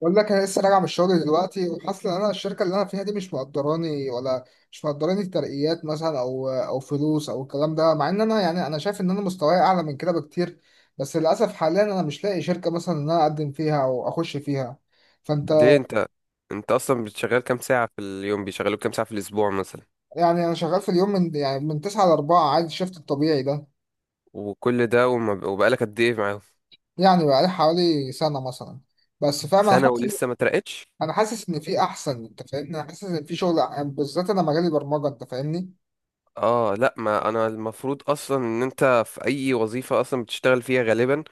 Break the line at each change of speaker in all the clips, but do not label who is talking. بقول لك انا لسه راجع من الشغل دلوقتي وحاسس ان انا الشركه اللي انا فيها دي مش مقدراني ترقيات مثلا او فلوس او الكلام ده، مع ان انا يعني انا شايف ان انا مستواي اعلى من كده بكتير. بس للاسف حاليا انا مش لاقي شركه مثلا ان انا اقدم فيها او اخش فيها. فانت.
ليه؟ انت اصلا بتشغل كام ساعة في اليوم؟ بيشغلوك كام ساعة في الاسبوع مثلا؟
يعني انا شغال في اليوم من 9 ل 4، عادي الشفت الطبيعي ده.
وكل ده، وبقالك قد ايه معاهم؟
يعني بقالي حوالي سنه مثلا. بس فاهم، انا
سنة
حاسس
ولسه ما ترقتش؟
انا حاسس ان في احسن، انت فاهمني؟ انا حاسس ان في شغل بالذات، انا مجالي برمجه، انت فاهمني.
اه لا، ما انا المفروض اصلا ان انت في اي وظيفة اصلا بتشتغل فيها غالبا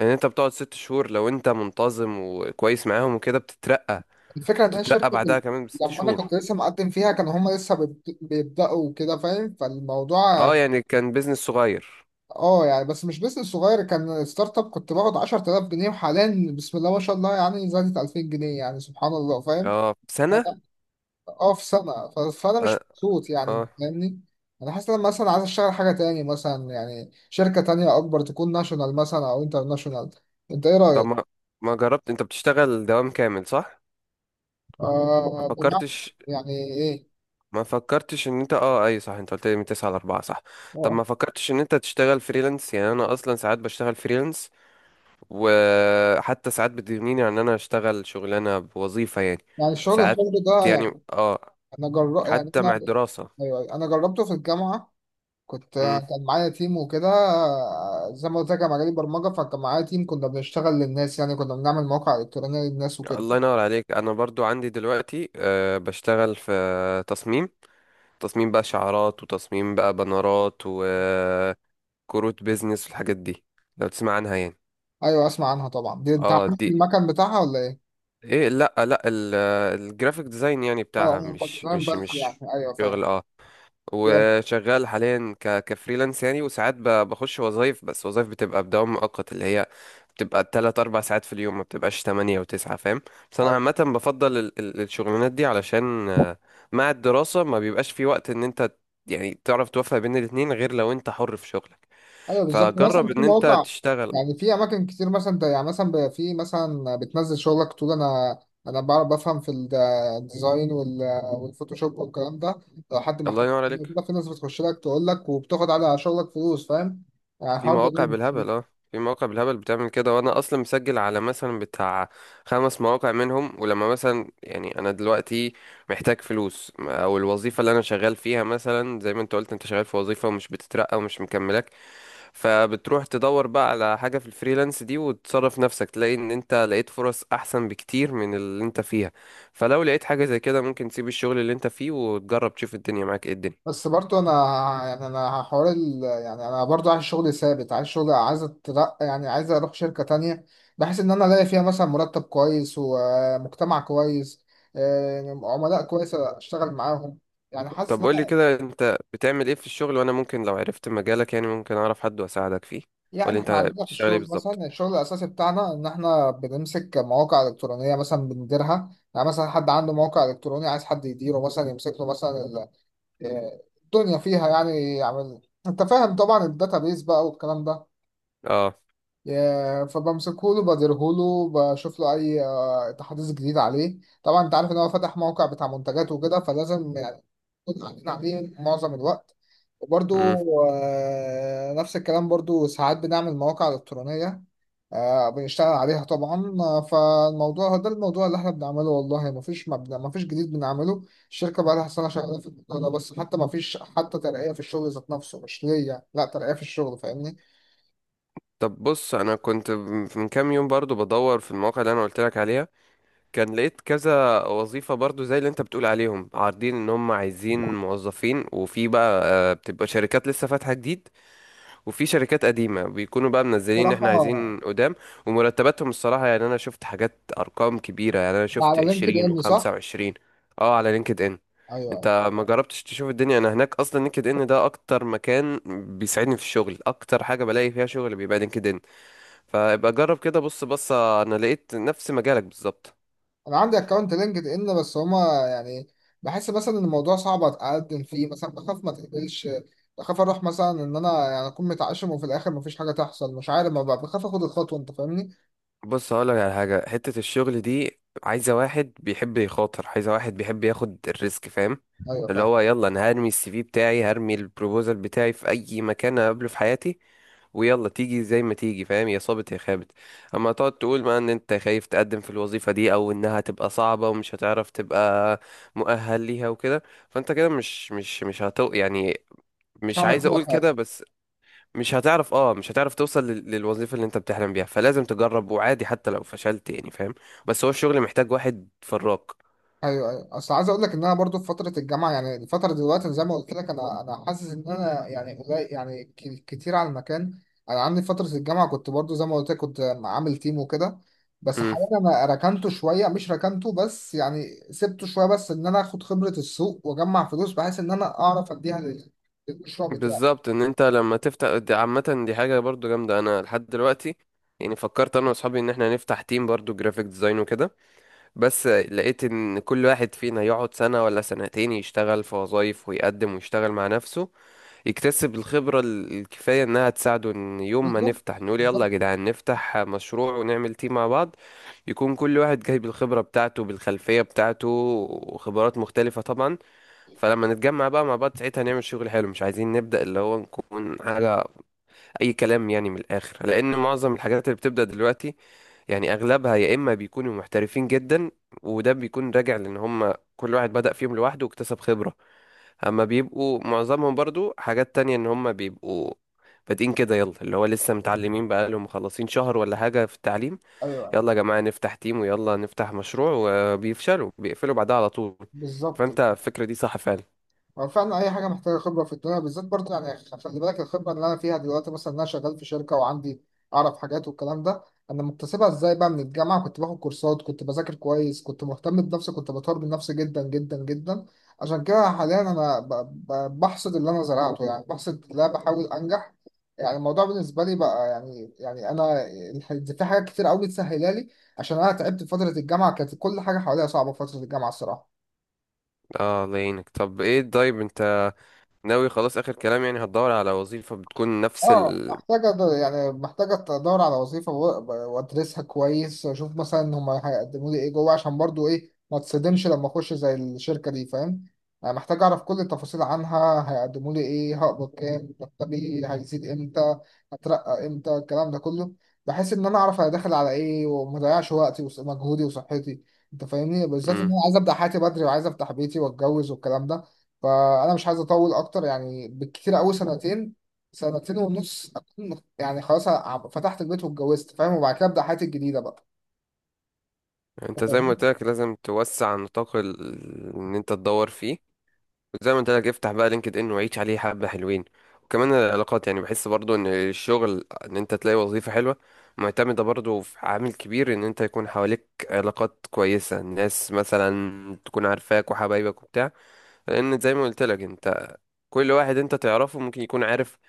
ان انت بتقعد 6 شهور، لو انت منتظم وكويس معاهم وكده بتترقى.
الفكرة إن هي
بتترقى
الشركة
بعدها
في...
كمان بست
لما أنا
شهور
كنت لسه مقدم فيها كانوا هما لسه بيبدأوا كده، فاهم؟ فالموضوع
اه
يعني،
يعني كان بيزنس صغير.
اه يعني بس مش بيزنس صغير، كان ستارت اب. كنت باخد 10000 جنيه، وحاليا بسم الله ما شاء الله يعني زادت 2000 جنيه، يعني سبحان الله، فاهم.
اه سنة.
فأنا- اه، في سنة، فأنا
اه.
مش مبسوط يعني، أنت
آه.
فاهمني. أنا حاسس إن أنا مثلا عايز أشتغل حاجة تاني، مثلا يعني شركة تانية أكبر، تكون ناشونال مثلا أو انترناشونال. أنت إيه
طب،
رأيك؟
ما جربت؟ انت بتشتغل دوام كامل صح؟ ما
آه، بمعنى
فكرتش
يعني إيه؟
ما فكرتش ان انت اه اي صح، انت قلت لي من 9 ل 4 صح؟ طب ما
آه.
فكرتش ان انت تشتغل فريلانس؟ يعني انا اصلا ساعات بشتغل فريلانس، وحتى ساعات بتغنيني عن ان انا اشتغل شغلانه بوظيفه يعني.
يعني الشغل
ساعات.
الحر ده
يعني
يعني
اه.
يعني
حتى
انا.
مع الدراسه.
أيوة، انا جربته في الجامعه. كنت
امم.
كان معايا تيم وكده. زي ما قلت لك، انا مجالي برمجه، فكان معايا تيم كنا بنشتغل للناس، يعني كنا بنعمل مواقع الكترونيه للناس وكده.
الله ينور عليك. انا برضو عندي دلوقتي بشتغل في تصميم تصميم بقى شعارات، وتصميم بقى بنرات وكروت بيزنس والحاجات دي، لو تسمع عنها يعني.
ايوه اسمع عنها طبعا. دي انت عارف
اه دي،
المكان بتاعها ولا ايه؟
ايه؟ لا لا، الجرافيك ديزاين يعني
اه،
بتاعها
آه، انت
مش
تمام
مش
بس،
مش
يعني ايوه فاهم.
شغل اه.
فاهم.
وشغال حاليا كفريلانس يعني، وساعات بخش وظايف، بس وظايف بتبقى بدوام مؤقت اللي هي بتبقى 3-4 ساعات في اليوم، ما بتبقاش 8 و9 فاهم. بس أنا
ايوه،
عامة بفضل الشغلانات دي علشان مع الدراسة ما بيبقاش في وقت إن أنت يعني تعرف توفق بين الاتنين، غير لو أنت حر في شغلك.
ايوه، بالظبط. مثلا
فجرب
في
إن أنت
مواقع،
تشتغل.
يعني في اماكن كتير، مثلا ده يعني مثلا في، مثلا بتنزل شغلك تقول انا، انا بعرف بفهم في الديزاين والفوتوشوب والكلام ده. لو حد
الله
محتاج
ينور
حاجة
عليك.
كده في ناس بتخش لك تقول لك وبتاخد على شغلك فلوس، فاهم. يعني
في
الحوار ده
مواقع
جامد.
بالهبل اه. في مواقع بالهبل بتعمل كده، وانا اصلا مسجل على مثلا بتاع خمس مواقع منهم، ولما مثلا يعني انا دلوقتي محتاج فلوس، او الوظيفه اللي انا شغال فيها مثلا زي ما انت قلت، انت شغال في وظيفه ومش بتترقى ومش مكملك، فبتروح تدور بقى على حاجه في الفريلانس دي وتصرف نفسك، تلاقي ان انت لقيت فرص احسن بكتير من اللي انت فيها. فلو لقيت حاجه زي كده ممكن تسيب الشغل اللي انت فيه وتجرب تشوف الدنيا معاك ايه الدنيا.
بس برضو انا، يعني انا يعني انا برضو عايز شغل ثابت، عايز شغل، عايز اترقى، يعني عايز اروح شركة تانية. بحيث ان انا الاقي فيها مثلا مرتب كويس ومجتمع كويس، عملاء كويسة اشتغل معاهم. يعني حاسس
طب
ان
قولي
انا.
كده، انت بتعمل ايه في الشغل؟ وانا ممكن لو عرفت مجالك يعني ممكن اعرف حد واساعدك فيه.
يعني
ولا انت
احنا عندنا في
بتشتغل ايه
الشغل
بالظبط؟
مثلا، الشغل الاساسي بتاعنا ان احنا بنمسك مواقع الكترونية مثلا بنديرها. يعني مثلا حد عنده موقع الكتروني عايز حد يديره، مثلا يمسك له مثلا الدنيا فيها، يعني يعمل، انت فاهم طبعا الداتابيز بقى والكلام ده.
اه
فبمسكهوله بديرهوله بشوف له اي تحديث جديد عليه. طبعا انت عارف ان هو فتح موقع بتاع منتجات وكده، فلازم يعني نكون قاعدين عليه معظم الوقت. وبرضو
امم
نفس الكلام، برضو ساعات بنعمل مواقع إلكترونية، بنشتغل عليها طبعا، فالموضوع ده الموضوع اللي احنا بنعمله، والله مفيش مبنى، مفيش جديد بنعمله. الشركة بقى لها سنة شغالة في الموضوع ده، بس حتى مفيش حتى ترقية في الشغل ذات نفسه مش ليا، لا ترقية في الشغل، فاهمني.
طب بص، انا كنت من كام يوم برضو بدور في المواقع اللي انا قلت لك عليها، كان لقيت كذا وظيفة برضو زي اللي انت بتقول عليهم عارضين ان هم عايزين موظفين، وفي بقى آه، بتبقى شركات لسه فاتحة جديد، وفي شركات قديمة بيكونوا بقى منزلين ان احنا
صراحة.
عايزين قدام. ومرتباتهم الصراحة يعني انا شفت حاجات ارقام كبيرة، يعني انا
ده
شفت
على لينكد
عشرين
ان
وخمسة
صح؟
وعشرين اه على لينكد ان.
ايوه ايوه.
انت ما جربتش تشوف الدنيا؟ انا هناك اصلا. لينكد ان ده اكتر مكان بيساعدني في الشغل، اكتر حاجة بلاقي فيها شغل بيبقى لينكد ان. فابقى جرب كده، بص بص انا لقيت نفس مجالك بالظبط.
انا عندي اكونت لينكد ان، بس هما يعني بحس مثلا ان الموضوع صعب اتقدم فيه، مثلا بخاف ما تقبلش، بخاف اروح مثلا ان انا يعني اكون متعشم وفي الاخر مفيش حاجه تحصل، مش عارف، ما بخاف اخد الخطوه، انت فاهمني؟
بص هقولك على حاجة، حتة الشغل دي عايزة واحد بيحب يخاطر، عايزة واحد بيحب ياخد الريسك فاهم؟
ايوه
اللي
فاهم.
هو يلا انا هرمي السي في بتاعي، هرمي البروبوزال بتاعي في اي مكان اقابله في حياتي، ويلا تيجي زي ما تيجي فاهم، يا صابت يا خابت. اما تقعد تقول بقى ان انت خايف تقدم في الوظيفة دي او انها تبقى صعبة ومش هتعرف تبقى مؤهل ليها وكده، فانت كده مش مش مش هتو يعني
مش
مش
هعمل
عايز اقول كده
حاجه.
بس، مش هتعرف توصل للوظيفة اللي انت بتحلم بيها. فلازم تجرب، وعادي حتى لو فشلت يعني فاهم. بس هو الشغل محتاج واحد فراك.
ايوه ايوه. اصل عايز اقول لك ان انا برضو في فتره الجامعه، يعني الفتره دلوقتي أنا زي ما قلت لك، انا حاسس ان انا يعني قليل، يعني كتير على المكان. انا عندي فتره الجامعه كنت برضو زي ما قلت لك، كنت عامل تيم وكده. بس
امم.
حاليا انا ركنته شويه، مش ركنته بس يعني سبته شويه، بس ان انا اخد خبره السوق واجمع فلوس، بحيث ان انا اعرف اديها للمشروع بتاعي.
بالظبط ان انت لما تفتح دي، عامة دي حاجة برضو جامدة. انا لحد دلوقتي يعني فكرت انا واصحابي ان احنا نفتح تيم برضو جرافيك ديزاين وكده، بس لقيت ان كل واحد فينا يقعد سنة ولا سنتين يشتغل في وظايف ويقدم ويشتغل مع نفسه، يكتسب الخبرة الكفاية إنها تساعده إن يوم ما
بالظبط.
نفتح نقول يلا يا
بالظبط.
جدعان نفتح مشروع ونعمل تيم مع بعض. يكون كل واحد جايب الخبرة بتاعته بالخلفية بتاعته، وخبرات مختلفة طبعا. فلما نتجمع بقى مع بعض ساعتها نعمل شغل حلو، مش عايزين نبدأ اللي هو نكون حاجة أي كلام يعني من الآخر، لأن معظم الحاجات اللي بتبدأ دلوقتي يعني أغلبها يا إما بيكونوا محترفين جدا، وده بيكون راجع لأن هم كل واحد بدأ فيهم لوحده واكتسب خبرة، اما بيبقوا معظمهم برضو حاجات تانية ان هم بيبقوا بادئين كده يلا اللي هو لسه متعلمين بقالهم مخلصين شهر ولا حاجة في التعليم،
ايوه
يلا يا جماعة نفتح تيم ويلا نفتح مشروع، وبيفشلوا بيقفلوا بعدها على طول.
بالظبط.
فانت الفكرة دي صح فعلا.
هو فعلا أي حاجة محتاجة خبرة في الدنيا، بالذات برضه، يعني خلي بالك، الخبرة اللي أنا فيها دلوقتي مثلا إن أنا شغال في شركة وعندي أعرف حاجات والكلام ده، أنا مكتسبها إزاي بقى؟ من الجامعة كنت باخد كورسات، كنت بذاكر كويس، كنت مهتم بنفسي، كنت بطور من نفسي جدا جدا جدا. عشان كده حاليا أنا بحصد اللي أنا زرعته، يعني بحصد اللي أنا بحاول أنجح. يعني الموضوع بالنسبة لي بقى يعني، يعني أنا في حاجات كتير أوي تسهلها لي، عشان أنا تعبت في فترة الجامعة، كانت كل حاجة حواليا صعبة في فترة الجامعة الصراحة.
اه الله يعينك. طب ايه؟ طيب انت ناوي خلاص، اخر كلام يعني هتدور على وظيفة بتكون نفس
اه،
ال
محتاجة يعني محتاجة أدور على وظيفة وأدرسها كويس وأشوف مثلا هما هيقدموا لي إيه جوه، عشان برضو إيه، ما تصدمش لما أخش زي الشركة دي، فاهم؟ يعني محتاج أعرف كل التفاصيل عنها، هيقدموا لي إيه، هقبض كام، مرتبي هيزيد إمتى، هترقى إمتى، الكلام ده كله. بحيث إن أنا أعرف أنا داخل على إيه، ومضيعش وقتي ومجهودي وصحتي، أنت فاهمني؟ بالذات إن
مم.
أنا عايز أبدأ حياتي بدري، وعايز أفتح بيتي وأتجوز والكلام ده. فأنا مش عايز أطول أكتر، يعني بالكتير أوي سنتين، سنتين ونص أكون يعني خلاص فتحت البيت واتجوزت، فاهم. وبعد كده أبدأ حياتي الجديدة بقى.
انت زي ما قلت
فاهم؟
لك لازم توسع نطاق ان انت تدور فيه. زي ما انت لك، افتح بقى لينكد ان وعيش عليه حبة حلوين. وكمان العلاقات يعني، بحس برضو ان الشغل ان انت تلاقي وظيفة حلوة معتمدة برضو في عامل كبير ان انت يكون حواليك علاقات كويسة، ناس مثلا تكون عارفاك وحبايبك وبتاع، لان زي ما قلت لك انت كل واحد انت تعرفه ممكن يكون عارف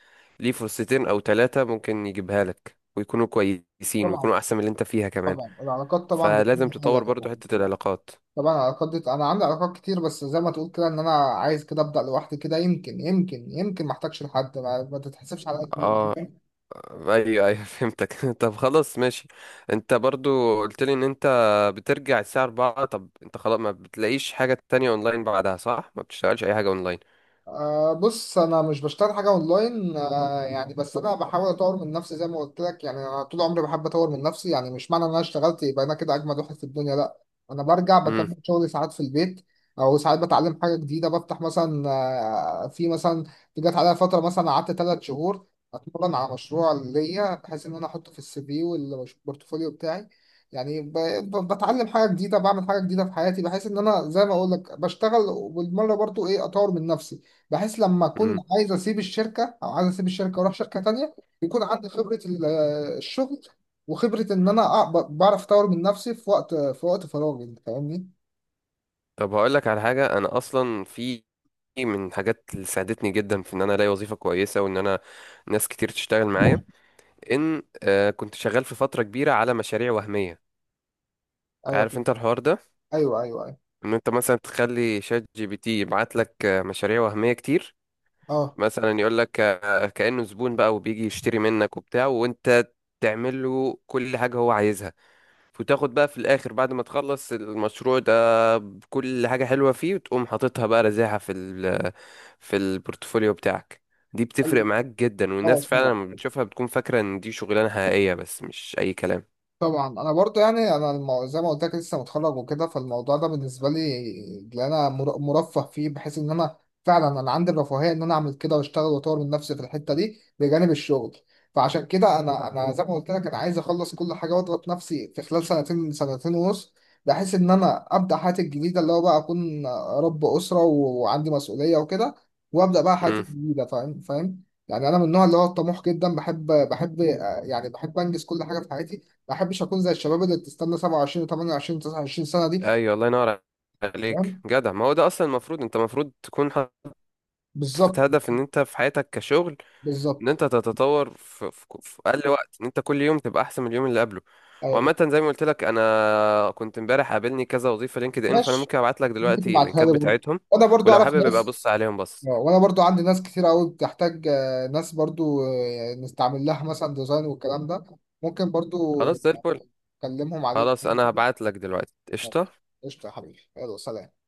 ليه فرصتين او ثلاثة، ممكن يجيبها لك ويكونوا كويسين
طبعا.
ويكونوا احسن من اللي انت فيها كمان.
طبعا العلاقات طبعا
فلازم
بتكون حاجة،
تطور برضو
طبعا
حتة
طبعا.
العلاقات.
طبعا العلاقات دي أنا عندي علاقات كتير، بس زي ما تقول كده إن أنا عايز كده أبدأ لوحدي كده، يمكن يمكن يمكن ما أحتاجش لحد، ما تتحسبش على
اه
كتير.
ايوه ايوه فهمتك. طب خلاص ماشي، انت برضو قلت لي ان انت بترجع الساعة 4. طب انت خلاص ما بتلاقيش حاجة تانية اونلاين بعدها صح؟ ما بتشتغلش اي حاجة اونلاين؟
أه بص، انا مش بشتغل حاجه اونلاين، أه يعني، بس انا بحاول اطور من نفسي زي ما قلت لك. يعني انا طول عمري بحب اطور من نفسي، يعني مش معنى ان انا اشتغلت يبقى انا كده اجمد واحد في الدنيا، لا. انا برجع
امم
بكمل شغلي ساعات في البيت، او ساعات بتعلم حاجه جديده، بفتح مثلا. أه، في مثلا جت عليا فتره مثلا قعدت ثلاث شهور اتمرن على مشروع ليا بحيث ان انا احطه في السي في والبورتفوليو بتاعي. يعني بتعلم حاجه جديده، بعمل حاجه جديده في حياتي، بحيث ان انا زي ما اقول لك بشتغل وبالمره برضو ايه اطور من نفسي، بحيث لما اكون
امم
عايز اسيب الشركه او عايز اسيب الشركه واروح شركه تانية، يكون عندي خبره الشغل، وخبره ان انا بعرف اطور من نفسي في وقت، في وقت فراغي، انت فاهمني؟
طب هقول لك على حاجة، انا اصلا في من حاجات اللي ساعدتني جدا في ان انا الاقي وظيفة كويسة وان انا ناس كتير تشتغل معايا، ان كنت شغال في فترة كبيرة على مشاريع وهمية. عارف
ايوه
انت الحوار ده،
ايوه ايوه. ايوه.
ان انت مثلا تخلي شات جي بي تي يبعت لك مشاريع وهمية كتير،
اه.
مثلا يقول لك كأنه زبون بقى وبيجي يشتري منك وبتاع، وانت تعمل له كل حاجة هو عايزها، وتاخد بقى في الآخر بعد ما تخلص المشروع ده بكل حاجة حلوة فيه، وتقوم حاططها بقى رزاعة في البورتفوليو بتاعك. دي
أيوه،
بتفرق معاك جدا،
اه
والناس فعلا
طبعا.
لما بتشوفها بتكون فاكرة ان دي شغلانة حقيقية بس مش أي كلام.
طبعا انا برضو يعني انا زي ما قلت لك لسه متخرج وكده، فالموضوع ده بالنسبه لي اللي انا مرفه فيه، بحيث ان انا فعلا انا عندي الرفاهيه ان انا اعمل كده واشتغل واطور من نفسي في الحته دي بجانب الشغل. فعشان كده انا زي ما قلت لك، انا عايز اخلص كل حاجه واضغط نفسي في خلال سنتين، سنتين ونص، بحيث ان انا ابدا حياتي الجديده، اللي هو بقى اكون رب اسره وعندي مسؤوليه وكده، وابدا بقى حياتي
امم.
الجديده. فاهم. فاهم. يعني انا من النوع اللي هو الطموح جدا، بحب يعني بحب انجز كل حاجه في حياتي، ما احبش اكون زي الشباب اللي بتستنى 27 و28 29 سنه دي.
ايوه الله ينور عليك،
تمام.
جدع. ما هو ده اصلا المفروض، انت المفروض تكون
بالظبط.
حاطط هدف ان انت في حياتك كشغل ان
بالظبط.
انت تتطور في اقل وقت، ان انت كل يوم تبقى احسن من اليوم اللي قبله.
ايوه.
وعامة زي ما قلت لك انا كنت امبارح قابلني كذا وظيفة لينكد ان، فانا
ماشي.
ممكن ابعت لك
ممكن
دلوقتي
تبعتها
اللينكات
لي برضه،
بتاعتهم،
وانا برضه
ولو
اعرف
حابب يبقى
ناس.
بص عليهم بس.
وانا برضه عندي ناس كتير قوي بتحتاج، ناس، برضه نستعمل لها مثلا ديزاين والكلام ده. ممكن برضه
خلاص زي الفل.
اكلمهم عليك
خلاص
يعني
انا
كده.
هبعت لك دلوقتي قشطة.
قشطه يا حبيبي، يلا سلام.